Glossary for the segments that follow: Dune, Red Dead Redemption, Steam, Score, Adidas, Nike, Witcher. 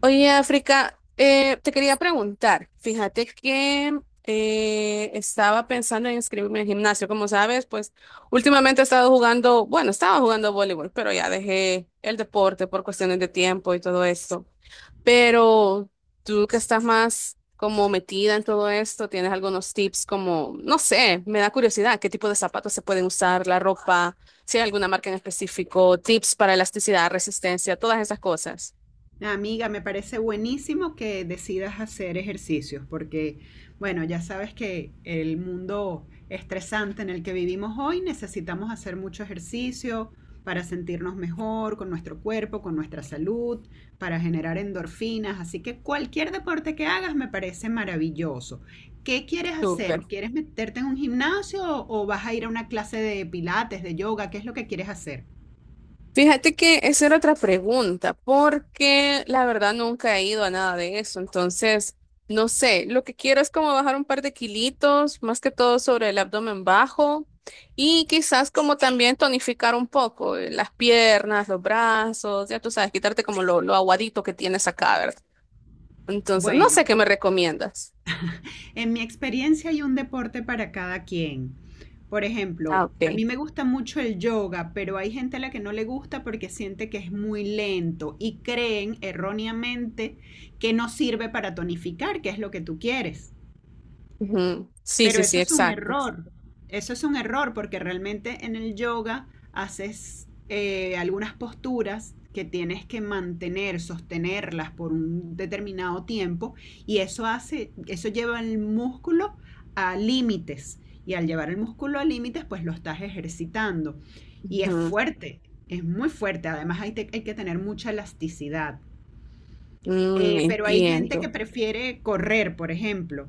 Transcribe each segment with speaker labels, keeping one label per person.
Speaker 1: Oye, África, te quería preguntar, fíjate que estaba pensando en inscribirme en gimnasio, como sabes, pues últimamente he estado jugando, bueno, estaba jugando voleibol, pero ya dejé el deporte por cuestiones de tiempo y todo esto. Pero tú que estás más como metida en todo esto, ¿tienes algunos tips como, no sé, me da curiosidad, qué tipo de zapatos se pueden usar, la ropa, si hay alguna marca en específico, tips para elasticidad, resistencia, todas esas cosas?
Speaker 2: Amiga, me parece buenísimo que decidas hacer ejercicios porque, bueno, ya sabes que el mundo estresante en el que vivimos hoy necesitamos hacer mucho ejercicio para sentirnos mejor con nuestro cuerpo, con nuestra salud, para generar endorfinas. Así que cualquier deporte que hagas me parece maravilloso. ¿Qué quieres
Speaker 1: Tú.
Speaker 2: hacer? ¿Quieres meterte en un gimnasio o vas a ir a una clase de pilates, de yoga? ¿Qué es lo que quieres hacer?
Speaker 1: Fíjate que esa era otra pregunta, porque la verdad nunca he ido a nada de eso, entonces no sé, lo que quiero es como bajar un par de kilitos, más que todo sobre el abdomen bajo y quizás como también tonificar un poco las piernas, los brazos, ya tú sabes, quitarte como lo aguadito que tienes acá, ¿verdad? Entonces, no sé
Speaker 2: Bueno,
Speaker 1: qué me recomiendas.
Speaker 2: en mi experiencia hay un deporte para cada quien. Por
Speaker 1: Ah,
Speaker 2: ejemplo, a
Speaker 1: ok.
Speaker 2: mí me gusta mucho el yoga, pero hay gente a la que no le gusta porque siente que es muy lento y creen erróneamente que no sirve para tonificar, que es lo que tú quieres.
Speaker 1: Ujú. Sí,
Speaker 2: Pero
Speaker 1: sí,
Speaker 2: eso
Speaker 1: sí,
Speaker 2: es un
Speaker 1: exacto.
Speaker 2: error. Eso es un error porque realmente en el yoga haces algunas posturas que tienes que mantener, sostenerlas por un determinado tiempo y eso hace, eso lleva el músculo a límites y al llevar el músculo a límites pues lo estás ejercitando y es
Speaker 1: Ujú.
Speaker 2: fuerte, es muy fuerte, además hay, hay que tener mucha elasticidad.
Speaker 1: Mm,
Speaker 2: Pero hay gente que
Speaker 1: entiendo.
Speaker 2: prefiere correr, por ejemplo.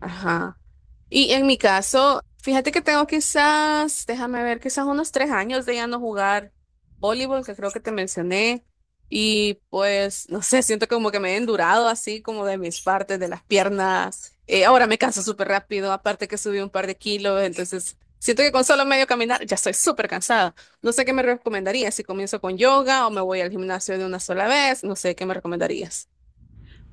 Speaker 1: Ajá. Y en mi caso, fíjate que tengo quizás, déjame ver, quizás unos 3 años de ya no jugar voleibol, que creo que te mencioné. Y pues, no sé, siento como que me he endurado así como de mis partes, de las piernas. Ahora me canso súper rápido, aparte que subí un par de kilos, entonces siento que con solo medio caminar ya estoy súper cansada. No sé qué me recomendarías, si comienzo con yoga o me voy al gimnasio de una sola vez, no sé qué me recomendarías.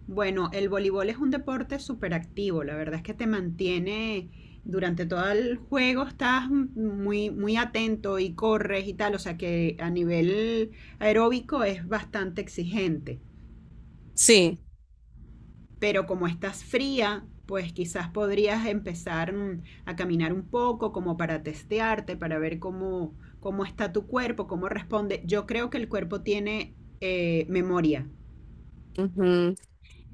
Speaker 2: Bueno, el voleibol es un deporte súper activo, la verdad es que te mantiene durante todo el juego, estás muy, muy atento y corres y tal, o sea que a nivel aeróbico es bastante exigente,
Speaker 1: Sí,
Speaker 2: pero como estás fría, pues quizás podrías empezar a caminar un poco como para testearte, para ver cómo, cómo está tu cuerpo, cómo responde. Yo creo que el cuerpo tiene memoria,
Speaker 1: ujú,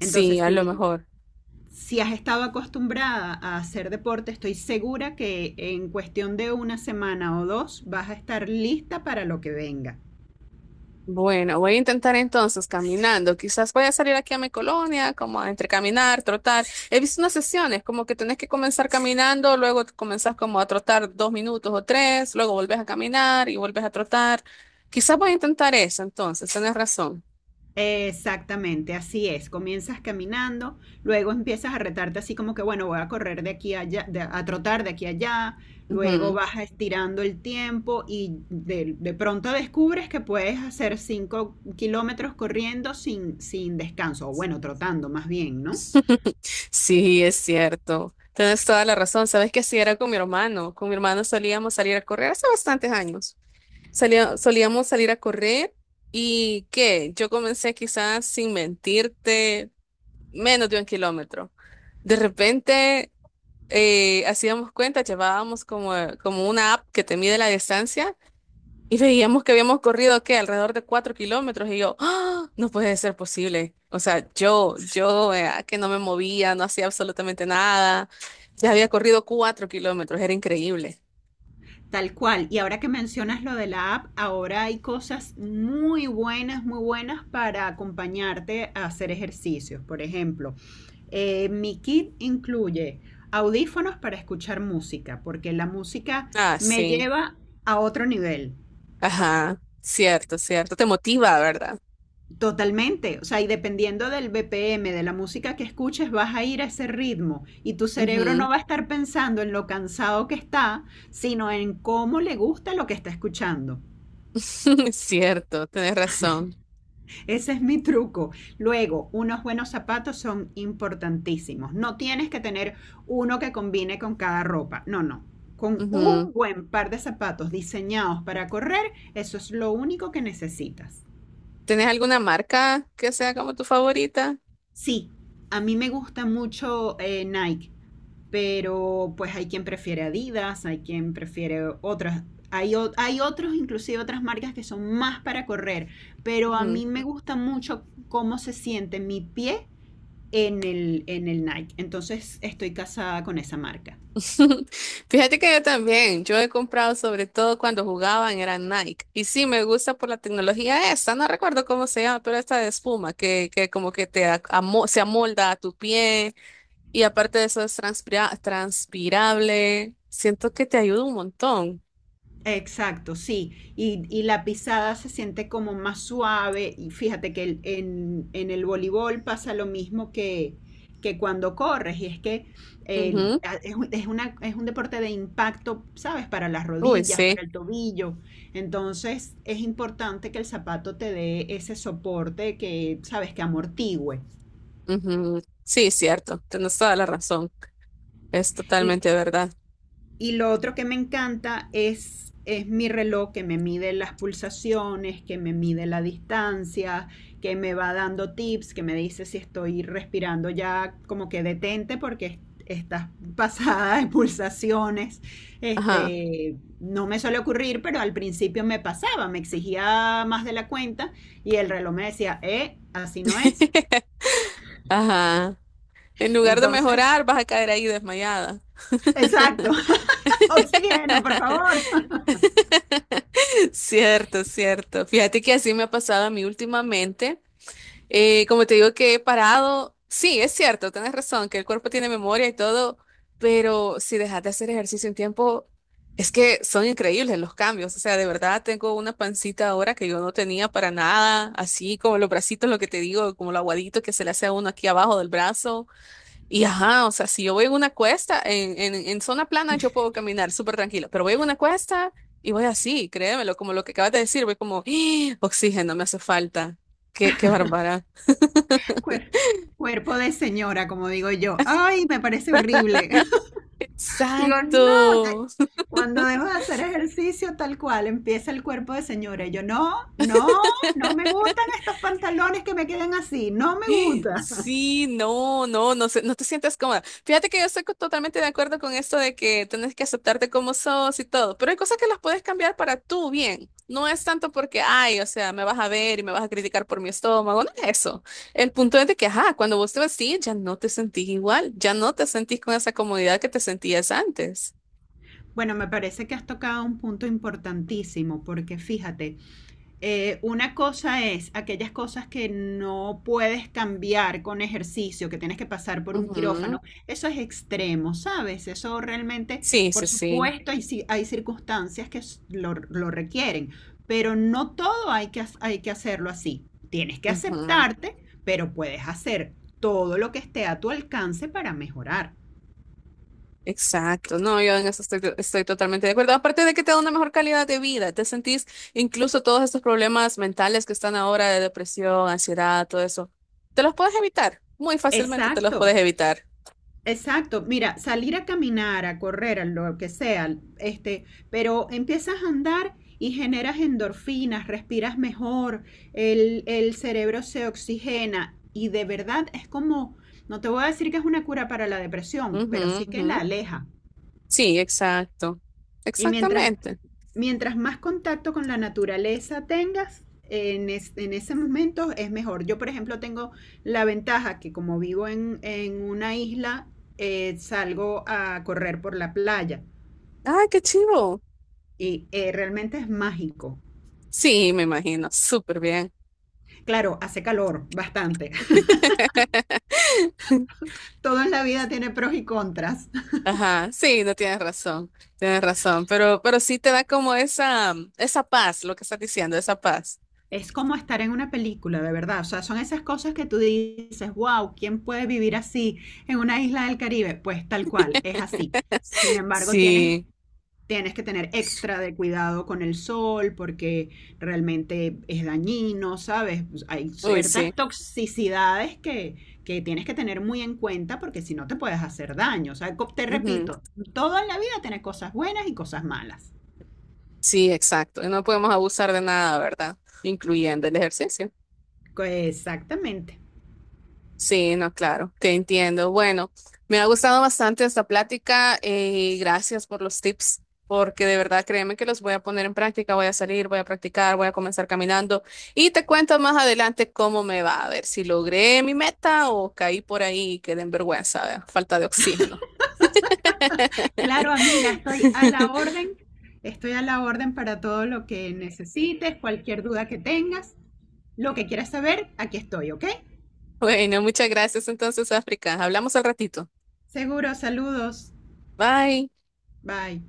Speaker 2: entonces
Speaker 1: a lo
Speaker 2: sí,
Speaker 1: mejor.
Speaker 2: si has estado acostumbrada a hacer deporte, estoy segura que en cuestión de una semana o dos vas a estar lista para lo que venga.
Speaker 1: Bueno, voy a intentar entonces caminando. Quizás voy a salir aquí a mi colonia, como a entre caminar, trotar. He visto unas sesiones, como que tenés que comenzar caminando, luego comenzás como a trotar 2 minutos o 3, luego volvés a caminar y volvés a trotar. Quizás voy a intentar eso entonces, tenés razón.
Speaker 2: Exactamente, así es. Comienzas caminando, luego empiezas a retarte así como que, bueno, voy a correr de aquí a allá, a trotar de aquí a allá, luego
Speaker 1: Ujú.
Speaker 2: vas estirando el tiempo y de pronto descubres que puedes hacer 5 kilómetros corriendo sin, sin descanso, o bueno, trotando más bien, ¿no?
Speaker 1: Sí, es cierto. Tienes toda la razón. Sabes que así era con mi hermano. Con mi hermano solíamos salir a correr hace bastantes años. Solíamos salir a correr y ¿qué? Yo comencé quizás sin mentirte menos de un kilómetro. De repente hacíamos cuenta, llevábamos como, como una app que te mide la distancia y veíamos que habíamos corrido ¿qué? Alrededor de 4 kilómetros y yo, ¡Ah! No puede ser posible. O sea, yo que no me movía, no hacía absolutamente nada, ya había corrido 4 kilómetros, era increíble.
Speaker 2: Tal cual. Y ahora que mencionas lo de la app, ahora hay cosas muy buenas para acompañarte a hacer ejercicios. Por ejemplo, mi kit incluye audífonos para escuchar música, porque la música
Speaker 1: Ah,
Speaker 2: me
Speaker 1: sí.
Speaker 2: lleva a otro nivel.
Speaker 1: Ajá, cierto, cierto. Te motiva, ¿verdad?
Speaker 2: Totalmente, o sea, y dependiendo del BPM, de la música que escuches, vas a ir a ese ritmo y tu cerebro no
Speaker 1: Ujú.
Speaker 2: va a estar pensando en lo cansado que está, sino en cómo le gusta lo que está escuchando.
Speaker 1: Cierto, tenés razón.
Speaker 2: Ese es mi truco. Luego, unos buenos zapatos son importantísimos. No tienes que tener uno que combine con cada ropa. No, no. Con
Speaker 1: Ujú.
Speaker 2: un buen par de zapatos diseñados para correr, eso es lo único que necesitas.
Speaker 1: ¿Tenés alguna marca que sea como tu favorita?
Speaker 2: Sí, a mí me gusta mucho Nike, pero pues hay quien prefiere Adidas, hay quien prefiere otras. Hay, hay otros, inclusive otras marcas que son más para correr, pero a
Speaker 1: Ujú.
Speaker 2: mí me gusta mucho cómo se siente mi pie en el Nike. Entonces estoy casada con esa marca.
Speaker 1: Fíjate que yo también, yo he comprado sobre todo cuando jugaban, era Nike. Y sí, me gusta por la tecnología esta, no recuerdo cómo se llama, pero esta de espuma que como que te se amolda a tu pie y aparte de eso es transpirable. Siento que te ayuda un montón.
Speaker 2: Exacto, sí. Y la pisada se siente como más suave. Y fíjate que en el voleibol pasa lo mismo que cuando corres. Y es que
Speaker 1: Ujú.
Speaker 2: es una, es un deporte de impacto, ¿sabes? Para las
Speaker 1: Uy,
Speaker 2: rodillas, para
Speaker 1: sí.
Speaker 2: el tobillo. Entonces es importante que el zapato te dé ese soporte que, ¿sabes? Que amortigüe.
Speaker 1: Ujú. Sí, cierto, tienes toda la razón. Es totalmente verdad.
Speaker 2: Y lo otro que me encanta es mi reloj que me mide las pulsaciones, que me mide la distancia, que me va dando tips, que me dice si estoy respirando ya como que detente porque estás pasada de pulsaciones.
Speaker 1: Ajá.
Speaker 2: Este, no me suele ocurrir, pero al principio me pasaba, me exigía más de la cuenta y el reloj me decía, así no es.
Speaker 1: Ajá. En lugar de
Speaker 2: Entonces,
Speaker 1: mejorar, vas a caer ahí desmayada.
Speaker 2: exacto, oxígeno, por favor.
Speaker 1: Cierto, cierto. Fíjate que así me ha pasado a mí últimamente. Como te digo que he parado, sí, es cierto, tienes razón, que el cuerpo tiene memoria y todo, pero si dejas de hacer ejercicio un tiempo, es que son increíbles los cambios. O sea, de verdad tengo una pancita ahora que yo no tenía para nada, así como los bracitos, lo que te digo, como lo aguadito que se le hace a uno aquí abajo del brazo. Y ajá, o sea, si yo voy en una cuesta, en zona plana yo puedo caminar súper tranquilo, pero voy en una cuesta y voy así, créemelo, como lo que acabas de decir, voy como, ¡Ah! Oxígeno, me hace falta. Qué bárbara.
Speaker 2: Cuer- cuerpo de señora, como digo yo. Ay, me parece horrible. Digo, no, te-
Speaker 1: Exacto.
Speaker 2: cuando dejo de hacer ejercicio tal cual, empieza el cuerpo de señora. Y yo, no, no, no me gustan estos pantalones que me quedan así, no me gusta.
Speaker 1: Sí, no, no, no, no te sientas cómoda. Fíjate que yo estoy totalmente de acuerdo con esto de que tenés que aceptarte como sos y todo, pero hay cosas que las puedes cambiar para tu bien. No es tanto porque, ay, o sea, me vas a ver y me vas a criticar por mi estómago, no es eso. El punto es de que, ajá, cuando vos te vestís ya no te sentís igual, ya no te sentís con esa comodidad que te sentías antes.
Speaker 2: Bueno, me parece que has tocado un punto importantísimo, porque fíjate, una cosa es aquellas cosas que no puedes cambiar con ejercicio, que tienes que pasar por un
Speaker 1: Ujú.
Speaker 2: quirófano. Eso es extremo, ¿sabes? Eso realmente,
Speaker 1: Sí,
Speaker 2: por
Speaker 1: sí, sí.
Speaker 2: supuesto, hay, hay circunstancias que lo requieren, pero no todo hay que, hay que hacerlo así. Tienes que aceptarte, pero puedes hacer todo lo que esté a tu alcance para mejorar.
Speaker 1: Exacto, no, yo en eso estoy, estoy totalmente de acuerdo. Aparte de que te da una mejor calidad de vida, te sentís incluso todos estos problemas mentales que están ahora de depresión, ansiedad, todo eso, te los puedes evitar, muy fácilmente te los
Speaker 2: Exacto.
Speaker 1: puedes evitar.
Speaker 2: Exacto, mira, salir a caminar, a correr, a lo que sea, este, pero empiezas a andar y generas endorfinas, respiras mejor, el cerebro se oxigena y de verdad es como, no te voy a decir que es una cura para la depresión,
Speaker 1: Ujú,
Speaker 2: pero sí que
Speaker 1: ujú.
Speaker 2: la aleja.
Speaker 1: Sí, exacto,
Speaker 2: Y mientras
Speaker 1: exactamente.
Speaker 2: mientras más contacto con la naturaleza tengas, en ese momento es mejor. Yo, por ejemplo, tengo la ventaja que como vivo en una isla, salgo a correr por la playa
Speaker 1: Ay, qué chivo.
Speaker 2: y realmente es mágico.
Speaker 1: Sí, me imagino, súper bien.
Speaker 2: Claro, hace calor bastante. Todo en la vida tiene pros y contras.
Speaker 1: Ajá, sí, no tienes razón, tienes razón, pero sí te da como esa paz, lo que estás diciendo, esa paz.
Speaker 2: Es como estar en una película, de verdad. O sea, son esas cosas que tú dices, wow, ¿quién puede vivir así en una isla del Caribe? Pues tal cual, es así. Sin embargo, tienes
Speaker 1: Sí,
Speaker 2: tienes que tener extra de cuidado con el sol porque realmente es dañino, ¿sabes? Pues hay
Speaker 1: uy,
Speaker 2: ciertas
Speaker 1: sí.
Speaker 2: toxicidades que tienes que tener muy en cuenta porque si no te puedes hacer daño. O sea, te
Speaker 1: Ujú.
Speaker 2: repito, todo en la vida tiene cosas buenas y cosas malas.
Speaker 1: Sí, exacto. Y no podemos abusar de nada, ¿verdad? Incluyendo el ejercicio.
Speaker 2: Exactamente.
Speaker 1: Sí, no, claro, te entiendo. Bueno, me ha gustado bastante esta plática y gracias por los tips, porque de verdad créeme que los voy a poner en práctica, voy a salir, voy a practicar, voy a comenzar caminando y te cuento más adelante cómo me va, a ver si logré mi meta o caí por ahí y quedé en vergüenza, ¿verdad? Falta de oxígeno.
Speaker 2: Claro, amiga, estoy a la orden. Estoy a la orden para todo lo que necesites, cualquier duda que tengas, lo que quieras saber, aquí estoy, ¿ok?
Speaker 1: Bueno, muchas gracias entonces, África. Hablamos al ratito.
Speaker 2: Seguro, saludos.
Speaker 1: Bye.
Speaker 2: Bye.